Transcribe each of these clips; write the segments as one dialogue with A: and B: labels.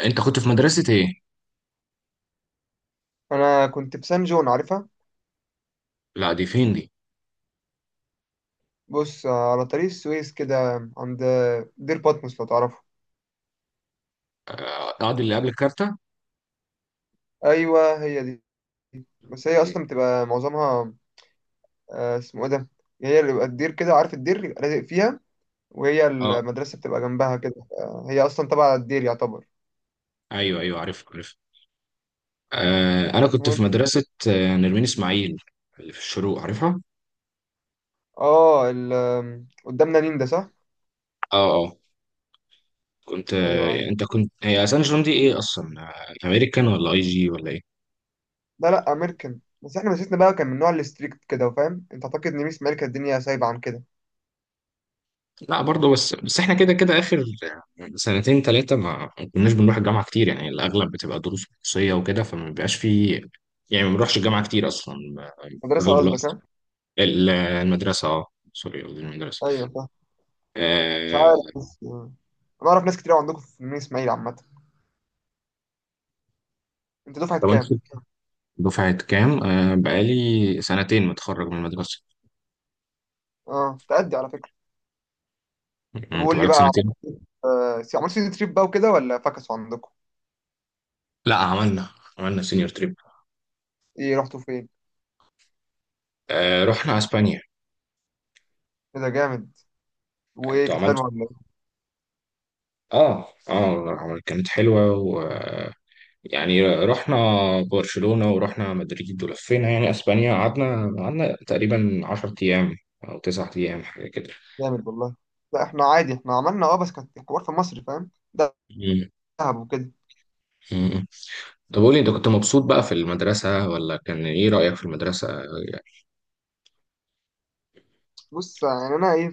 A: انت كنت في مدرسة ايه؟
B: انا كنت في سان جون، عارفها؟
A: لا دي فين دي؟
B: بص، على طريق السويس كده، عند دير باتموس، لو تعرفه.
A: آه، قاعد اللي قبل الكارتة؟
B: ايوه هي دي. بس هي
A: اوكي.
B: اصلا بتبقى معظمها اسمه ايه ده، هي اللي بيبقى الدير كده، عارف الدير؟ يبقى لازق فيها، وهي
A: اه،
B: المدرسه بتبقى جنبها كده. هي اصلا تبع الدير يعتبر.
A: ايوه عارف آه، انا كنت في
B: وال-
A: مدرسة نرمين اسماعيل اللي في الشروق عارفها؟
B: اه ال... آم، قدامنا نين ده، صح؟
A: اه اه. كنت
B: ايوه عارف.
A: انت كنت هي سان جيرمان دي ايه اصلا؟ آه، امريكان ولا اي جي ولا ايه؟
B: لا لا، امريكان. بس احنا مدرستنا بقى كان من نوع الستريكت كده، فاهم؟ انت اعتقد ان ميس مالكه الدنيا سايبه عن كده.
A: لا برضه، بس احنا كده كده اخر سنتين ثلاثة ما كناش بنروح الجامعة كتير، يعني الاغلب بتبقى دروس خصوصية وكده، فما بيبقاش في. يعني ما بنروحش الجامعة كتير اصلا،
B: مدرسه
A: اغلب
B: قصدك؟
A: الوقت.
B: ها،
A: المدرسة، اه. سوري، قصدي المدرسة.
B: ايوه. مش عارف
A: آه،
B: بس يعني. انا اعرف ناس كتير أوي عندكم في المنيا اسماعيل عامه. انت دفعه
A: طب انت
B: كام؟
A: دفعة كام؟ آه، بقالي سنتين متخرج من المدرسة.
B: اه تأدي على فكره. طب
A: يعني انت
B: قول لي
A: بقالك
B: بقى،
A: سنتين؟
B: عملت عملت سيتي تريب بقى وكده، ولا فكسوا عندكم؟
A: لا عملنا، عملنا سينيور تريب.
B: ايه رحتوا فين؟
A: آه، رحنا اسبانيا.
B: ايه ده جامد، وايه
A: انتوا
B: كانت حلوه
A: عملتوا
B: ولا ايه؟
A: اه اه. كانت حلوة و يعني رحنا برشلونة ورحنا مدريد ولفينا يعني اسبانيا، قعدنا تقريبا 10 ايام او 9 ايام، حاجة كده.
B: جامد والله. لا احنا عادي، احنا عملنا اه، بس كانت حوار في مصر، فاهم؟ دهب وكده.
A: مم. طب قولي، انت كنت مبسوط بقى في المدرسة، ولا كان ايه رأيك في المدرسة؟ يعني،
B: بص يعني انا ايه،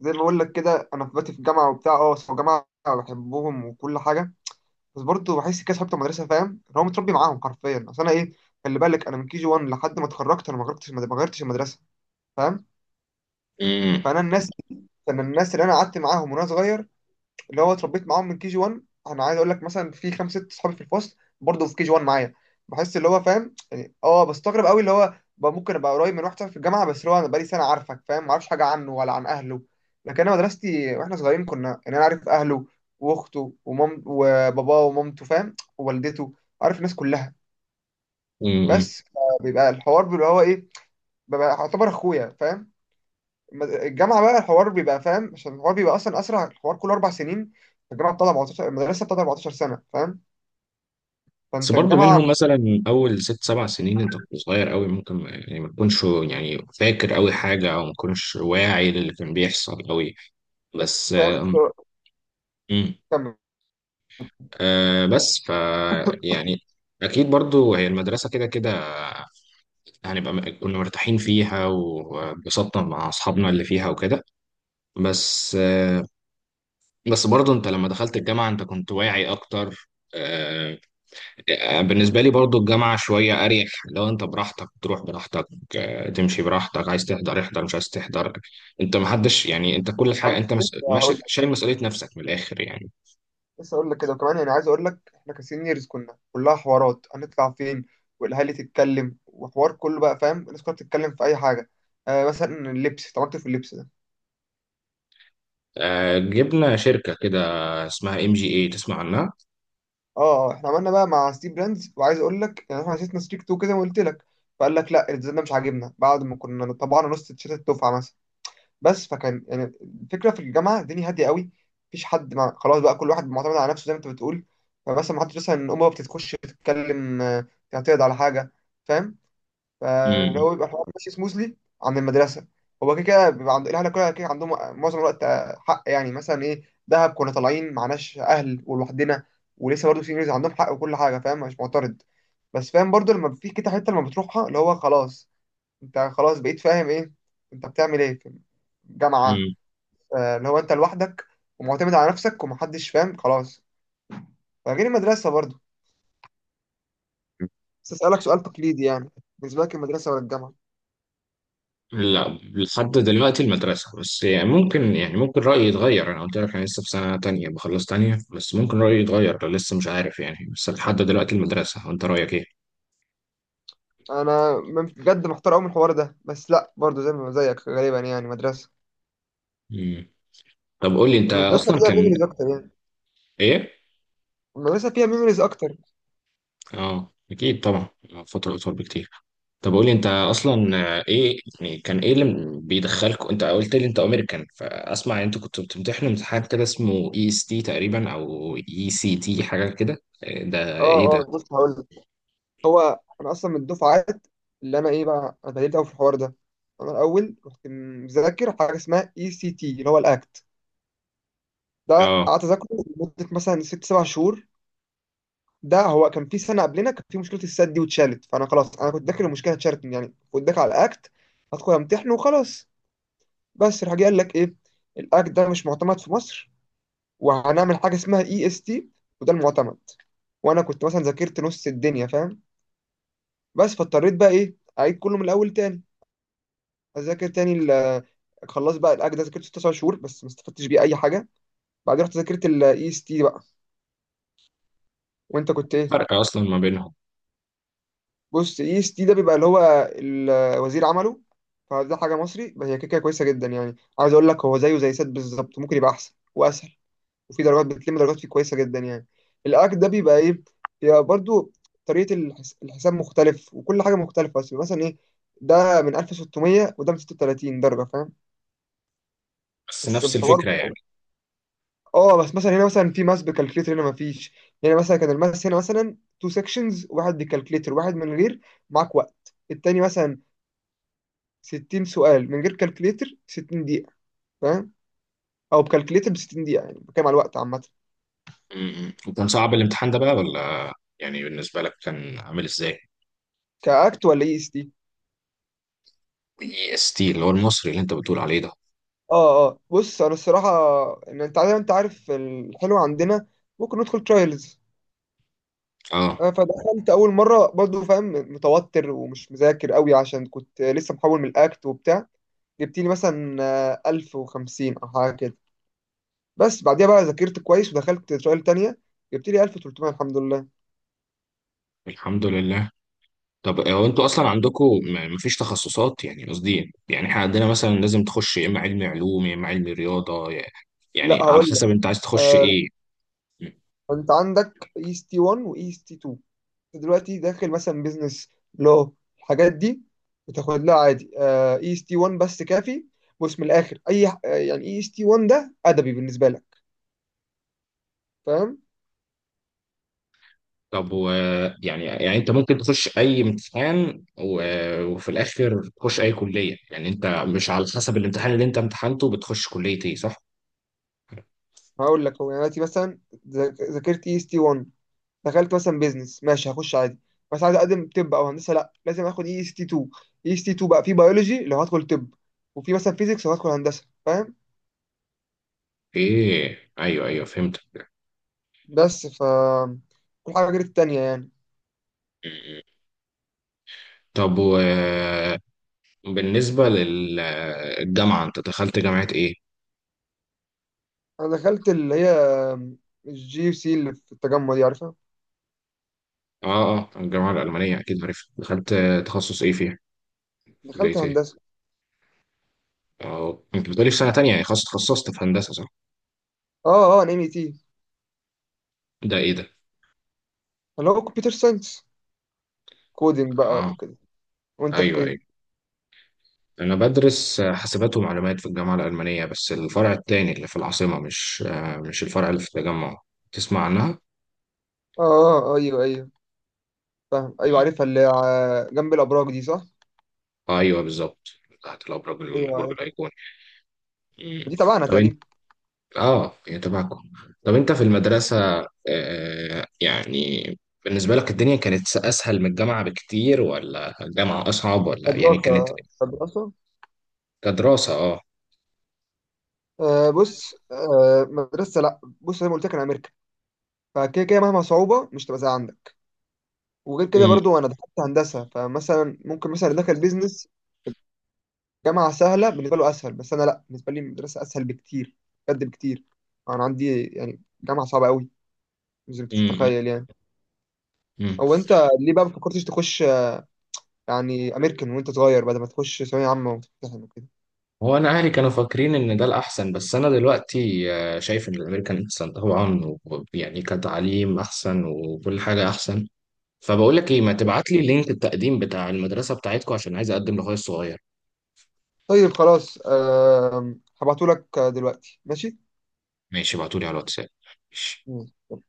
B: زي ما بقول لك كده، انا في باتي في الجامعه وبتاع، اه بس الجامعه بحبهم وكل حاجه. بس برضه بحس كده صحابي المدرسه، فاهم؟ اللي هو متربي معاهم حرفيا. اصل انا ايه، خلي بالك انا من كي جي 1 لحد ما اتخرجت، انا ما غيرتش المدرسه، فاهم؟
A: امم،
B: فانا الناس انا الناس اللي انا قعدت معاهم وانا صغير، اللي هو اتربيت معاهم من كي جي 1. انا عايز اقول لك مثلا، في خمس ست صحابي في الفصل برضه في كي جي 1 معايا. بحس اللي هو، فاهم يعني، اه بستغرب قوي اللي هو بقى ممكن ابقى قريب من واحد صاحبي في الجامعه، بس اللي هو انا بقالي سنه عارفك فاهم، ما اعرفش حاجه عنه ولا عن اهله. لكن انا مدرستي واحنا صغيرين كنا، يعني انا عارف اهله واخته ومام وباباه ومامته، فاهم؟ ووالدته، عارف الناس كلها.
A: امم.
B: بس بيبقى الحوار اللي هو ايه، ببقى اعتبر اخويا، فاهم؟ الجامعه بقى الحوار بيبقى فاهم، عشان الحوار بيبقى اصلا اسرع، الحوار كله اربع سنين. الجامعه بتاع 14، المدرسه بتاع 14 سنه، فاهم؟
A: بس
B: فانت
A: برضه
B: الجامعه،
A: منهم، مثلا اول ست سبع سنين انت كنت صغير قوي، ممكن يعني ما تكونش يعني فاكر قوي حاجة، او ما تكونش واعي للي كان بيحصل قوي.
B: بس
A: بس،
B: فاهم؟
A: امم.
B: كمل.
A: آه، بس ف يعني اكيد برضو هي المدرسه كده كده، كنا مرتاحين فيها وانبسطنا مع اصحابنا اللي فيها وكده. بس، بس برضه انت لما دخلت الجامعة انت كنت واعي اكتر. آه، آه، بالنسبة لي برضه الجامعة شوية اريح، لو انت براحتك تروح براحتك، آه، تمشي براحتك، عايز تحضر احضر، مش عايز تحضر. انت محدش يعني، انت كل حاجة
B: أنا
A: انت
B: لسه
A: ماشي،
B: هقول
A: شايل
B: لك
A: مسؤولية نفسك من الاخر يعني.
B: لسه هقول لك كده، وكمان يعني عايز اقول لك، احنا كسينيورز كنا كلها حوارات هنطلع فين، والاهالي تتكلم وحوار، كله بقى فاهم، الناس كلها بتتكلم في اي حاجه. آه مثلا اللبس، طب انت في اللبس ده؟
A: آه، جبنا شركة كده اسمها ام جي اي، تسمع عنها؟
B: اه. احنا عملنا بقى مع ستيف براندز، وعايز اقول لك يعني احنا عايزين نستريك تو كده، وقلت لك. فقال لك لا الديزاين ده مش عاجبنا، بعد ما كنا طبعنا نص تيشيرت الدفعه مثلا. بس فكان يعني، الفكره في الجامعه الدنيا هاديه قوي، مفيش حد مع خلاص بقى، كل واحد معتمد على نفسه زي ما انت بتقول. فمثلا ما حدش مثلا امه بتتخش تتكلم، تعترض على حاجه، فاهم؟ فاللي هو بيبقى الحوار ماشي سموثلي عن المدرسه. هو كده كده بيبقى عند الاهل كلها كده عندهم معظم الوقت، حق يعني مثلا ايه، دهب كنا طالعين معناش اهل ولوحدنا، ولسه برضه في انجليزي عندهم حق وكل حاجه، فاهم؟ مش معترض، بس فاهم برضه لما في كده حته لما بتروحها، اللي هو خلاص انت خلاص بقيت فاهم ايه انت بتعمل ايه في الجامعه،
A: امم.
B: اللي هو انت لوحدك ومعتمد على نفسك ومحدش، فاهم؟ خلاص، فغير المدرسه برضو. بس اسالك سؤال تقليدي يعني، بالنسبه لك المدرسه ولا الجامعه؟
A: لا، لحد دلوقتي المدرسة، بس يعني ممكن، يعني ممكن رأيي يتغير. أنا قلت لك أنا لسه في سنة تانية، بخلص تانية، بس ممكن رأيي يتغير لو، لسه مش عارف يعني. بس لحد دلوقتي المدرسة. وأنت رأيك إيه؟
B: بجد محتار قوي من الحوار ده، بس لا برضو زي ما زيك غالبا يعني مدرسه.
A: مم. طب قول لي، أنت
B: المدرسه
A: أصلا
B: فيها
A: كان
B: ميموريز اكتر يعني.
A: إيه؟
B: المدرسه فيها ميموريز اكتر.
A: أه أكيد طبعا، فترة أطول بكتير. طب قول لي، أنت أصلا، إيه يعني، كان إيه اللي بيدخلك؟ أنت قلت لي أنت أمريكان، فأسمع أنت كنت بتمتحن امتحان كده اسمه إي إس تي تقريبا، أو إي سي تي، حاجة كده. إيه ده؟ إيه
B: اه اه، بص هقول لك، هو انا اصلا من الدفعات اللي انا ايه بقى، انا اتعلمت قوي في الحوار ده. انا الاول كنت مذاكر حاجه اسمها اي سي تي، اللي هو الاكت ده،
A: ده؟
B: قعدت اذاكره لمده مثلا ست سبع شهور. ده هو كان في سنه قبلنا كان في مشكله السد دي واتشالت، فانا خلاص انا كنت داخل المشكله، اتشالت يعني، كنت داخل على اكت، هدخل امتحنه وخلاص. بس راح جه قال لك ايه، الاكت ده مش معتمد في مصر، وهنعمل حاجه اسمها اي اس تي، وده المعتمد. وانا كنت مثلا ذاكرت نص الدنيا، فاهم؟ بس فاضطريت بقى ايه، اعيد كله من الاول تاني، اذاكر تاني خلاص. بقى الاكت ده ذاكرته 9 شهور بس ما استفدتش بيه اي حاجه. بعدين رحت ذاكرت الاي اس تي بقى. وانت كنت ايه؟
A: فرق اصلا ما بينهم،
B: بص، اي اس تي ده بيبقى اللي هو الوزير عمله، فده حاجه مصري، بس هي كده كده كويسه جدا يعني. عايز اقول لك، هو زيه زي سات بالظبط، ممكن يبقى احسن واسهل، وفي درجات بتلم، درجات فيه كويسه جدا يعني. الاك ده بيبقى ايه، بيبقى برضو الحساب مختلف وكل حاجه مختلفه، بس مثلا ايه، ده من 1600 وده من 36 درجه، فاهم؟
A: بس
B: بس
A: نفس
B: الحوار
A: الفكره يعني.
B: اه، بس مثلا هنا مثلا في ماس بكالكليتر، هنا ما فيش. هنا مثلا كان الماس هنا مثلا تو سيكشنز، واحد بكالكليتر واحد من غير، معاك وقت. التاني مثلا 60 سؤال من غير كالكليتر، 60 دقيقة، فاهم؟ او بكالكليتر ب 60 دقيقة، يعني بتكلم على الوقت عامة.
A: م- م. وكان صعب الامتحان ده بقى ولا، يعني بالنسبه لك كان عامل ازاي؟
B: كاكت ولا اي اس تي؟
A: اي اس تي اللي هو المصري اللي انت بتقول عليه ده.
B: اه اه، بص انا الصراحة، ان انت عارف، انت عارف الحلو عندنا، ممكن ندخل ترايلز.
A: اه.
B: فدخلت اول مرة برضو، فاهم؟ متوتر ومش مذاكر قوي، عشان كنت لسه محول من الاكت وبتاع، جبت لي مثلا 1050 او حاجة كده. بس بعديها بقى ذاكرت كويس ودخلت ترايل تانية، جبت لي 1300، الحمد لله.
A: الحمد لله. طب هو انتوا اصلا عندكم ما فيش تخصصات؟ يعني قصدي، يعني احنا عندنا مثلا لازم تخش يا اما علمي علوم يا اما علمي رياضه،
B: لا
A: يعني على
B: هقول لك،
A: حسب انت عايز تخش
B: آه،
A: ايه.
B: انت عندك اي اس تي 1 واي اس تي 2. دلوقتي داخل مثلا بيزنس لو الحاجات دي، بتاخد لها عادي اي اس تي 1 بس كافي. بص من الاخر، اي ح- آه، يعني اي اس تي 1 ده ادبي بالنسبه لك، فاهم؟
A: طب و، يعني، يعني انت ممكن تخش اي امتحان وفي الاخر تخش اي كليه؟ يعني انت مش على حسب الامتحان اللي انت امتحنته بتخش كليه ايه، صح؟
B: هقول لك هو يعني دلوقتي مثلا، ذاكرت اي اس تي 1، دخلت مثلا بيزنس ماشي هخش عادي. بس عايز اقدم طب او هندسه، لا لازم اخد اي اس تي 2. اي اس تي 2 بقى في بيولوجي لو هدخل طب، وفي مثلا فيزيكس لو هدخل هندسه، فاهم؟
A: ايه، ايوه ايوه فهمت.
B: بس ف، كل حاجه غير التانيه يعني.
A: طب وبالنسبه للجامعه، انت دخلت جامعه ايه؟
B: انا دخلت اللي هي الجي يو سي اللي في التجمع دي، عارفها؟
A: اه اه، الجامعه الالمانيه، اكيد عارفها. دخلت تخصص ايه فيها؟
B: دخلت
A: كليه ايه؟
B: هندسة.
A: اه، انت بتقولي في سنه تانية، يعني خلاص اتخصصت في هندسه صح؟
B: اه اه، انا ام اي تي،
A: ده ايه ده؟
B: اللي هو كمبيوتر ساينس، كودينج بقى
A: اه
B: وكده. وانت في
A: ايوه
B: ايه؟
A: أيوه. أنا بدرس حاسبات ومعلومات في الجامعة الألمانية، بس الفرع التاني اللي في العاصمة، مش مش الفرع اللي في التجمع. تسمع عنها؟
B: اه اه، ايوه ايوه، فاهم، ايوه عارفها اللي جنب الابراج دي، صح؟
A: آه أيوه بالظبط، تحت الأبراج،
B: ايوه
A: البرج
B: عارف.
A: الأيقوني. مم.
B: دي تبعنا
A: طب أنت،
B: تقريبا.
A: آه هي تبعكم. طب أنت في المدرسة، آه يعني، بالنسبة لك الدنيا كانت أسهل من الجامعة بكتير ولا الجامعة أصعب، ولا يعني كانت
B: مدرسة؟
A: كدراسة، آه.
B: آه بص، آه مدرسة، لا بص زي ما قلت لك انا امريكا، فكده كده مهما صعوبة مش تبقى زي عندك. وغير كده
A: مم.
B: برضو، انا دخلت هندسة، فمثلا ممكن مثلا اللي دخل بيزنس، جامعة سهلة بالنسبة له اسهل. بس انا لا، بالنسبة لي المدرسة اسهل بكتير، بجد بكتير. انا عندي يعني جامعة صعبة قوي، زي ما انت مش
A: مم.
B: متخيل يعني.
A: مم.
B: او انت ليه بقى ما فكرتش تخش يعني امريكان وانت صغير، بدل ما تخش ثانويه عامه وتمتحن وكده؟
A: هو انا اهلي كانوا فاكرين ان ده الاحسن، بس انا دلوقتي آه، شايف ان الامريكان احسن طبعا، يعني كتعليم احسن وكل حاجه احسن. فبقول لك ايه، ما تبعت لي لينك التقديم بتاع المدرسه بتاعتكم عشان عايز اقدم لاخويا الصغير.
B: طيب خلاص هبعتهولك دلوقتي، ماشي؟
A: ماشي، ابعتولي على الواتساب. ماشي.
B: مم.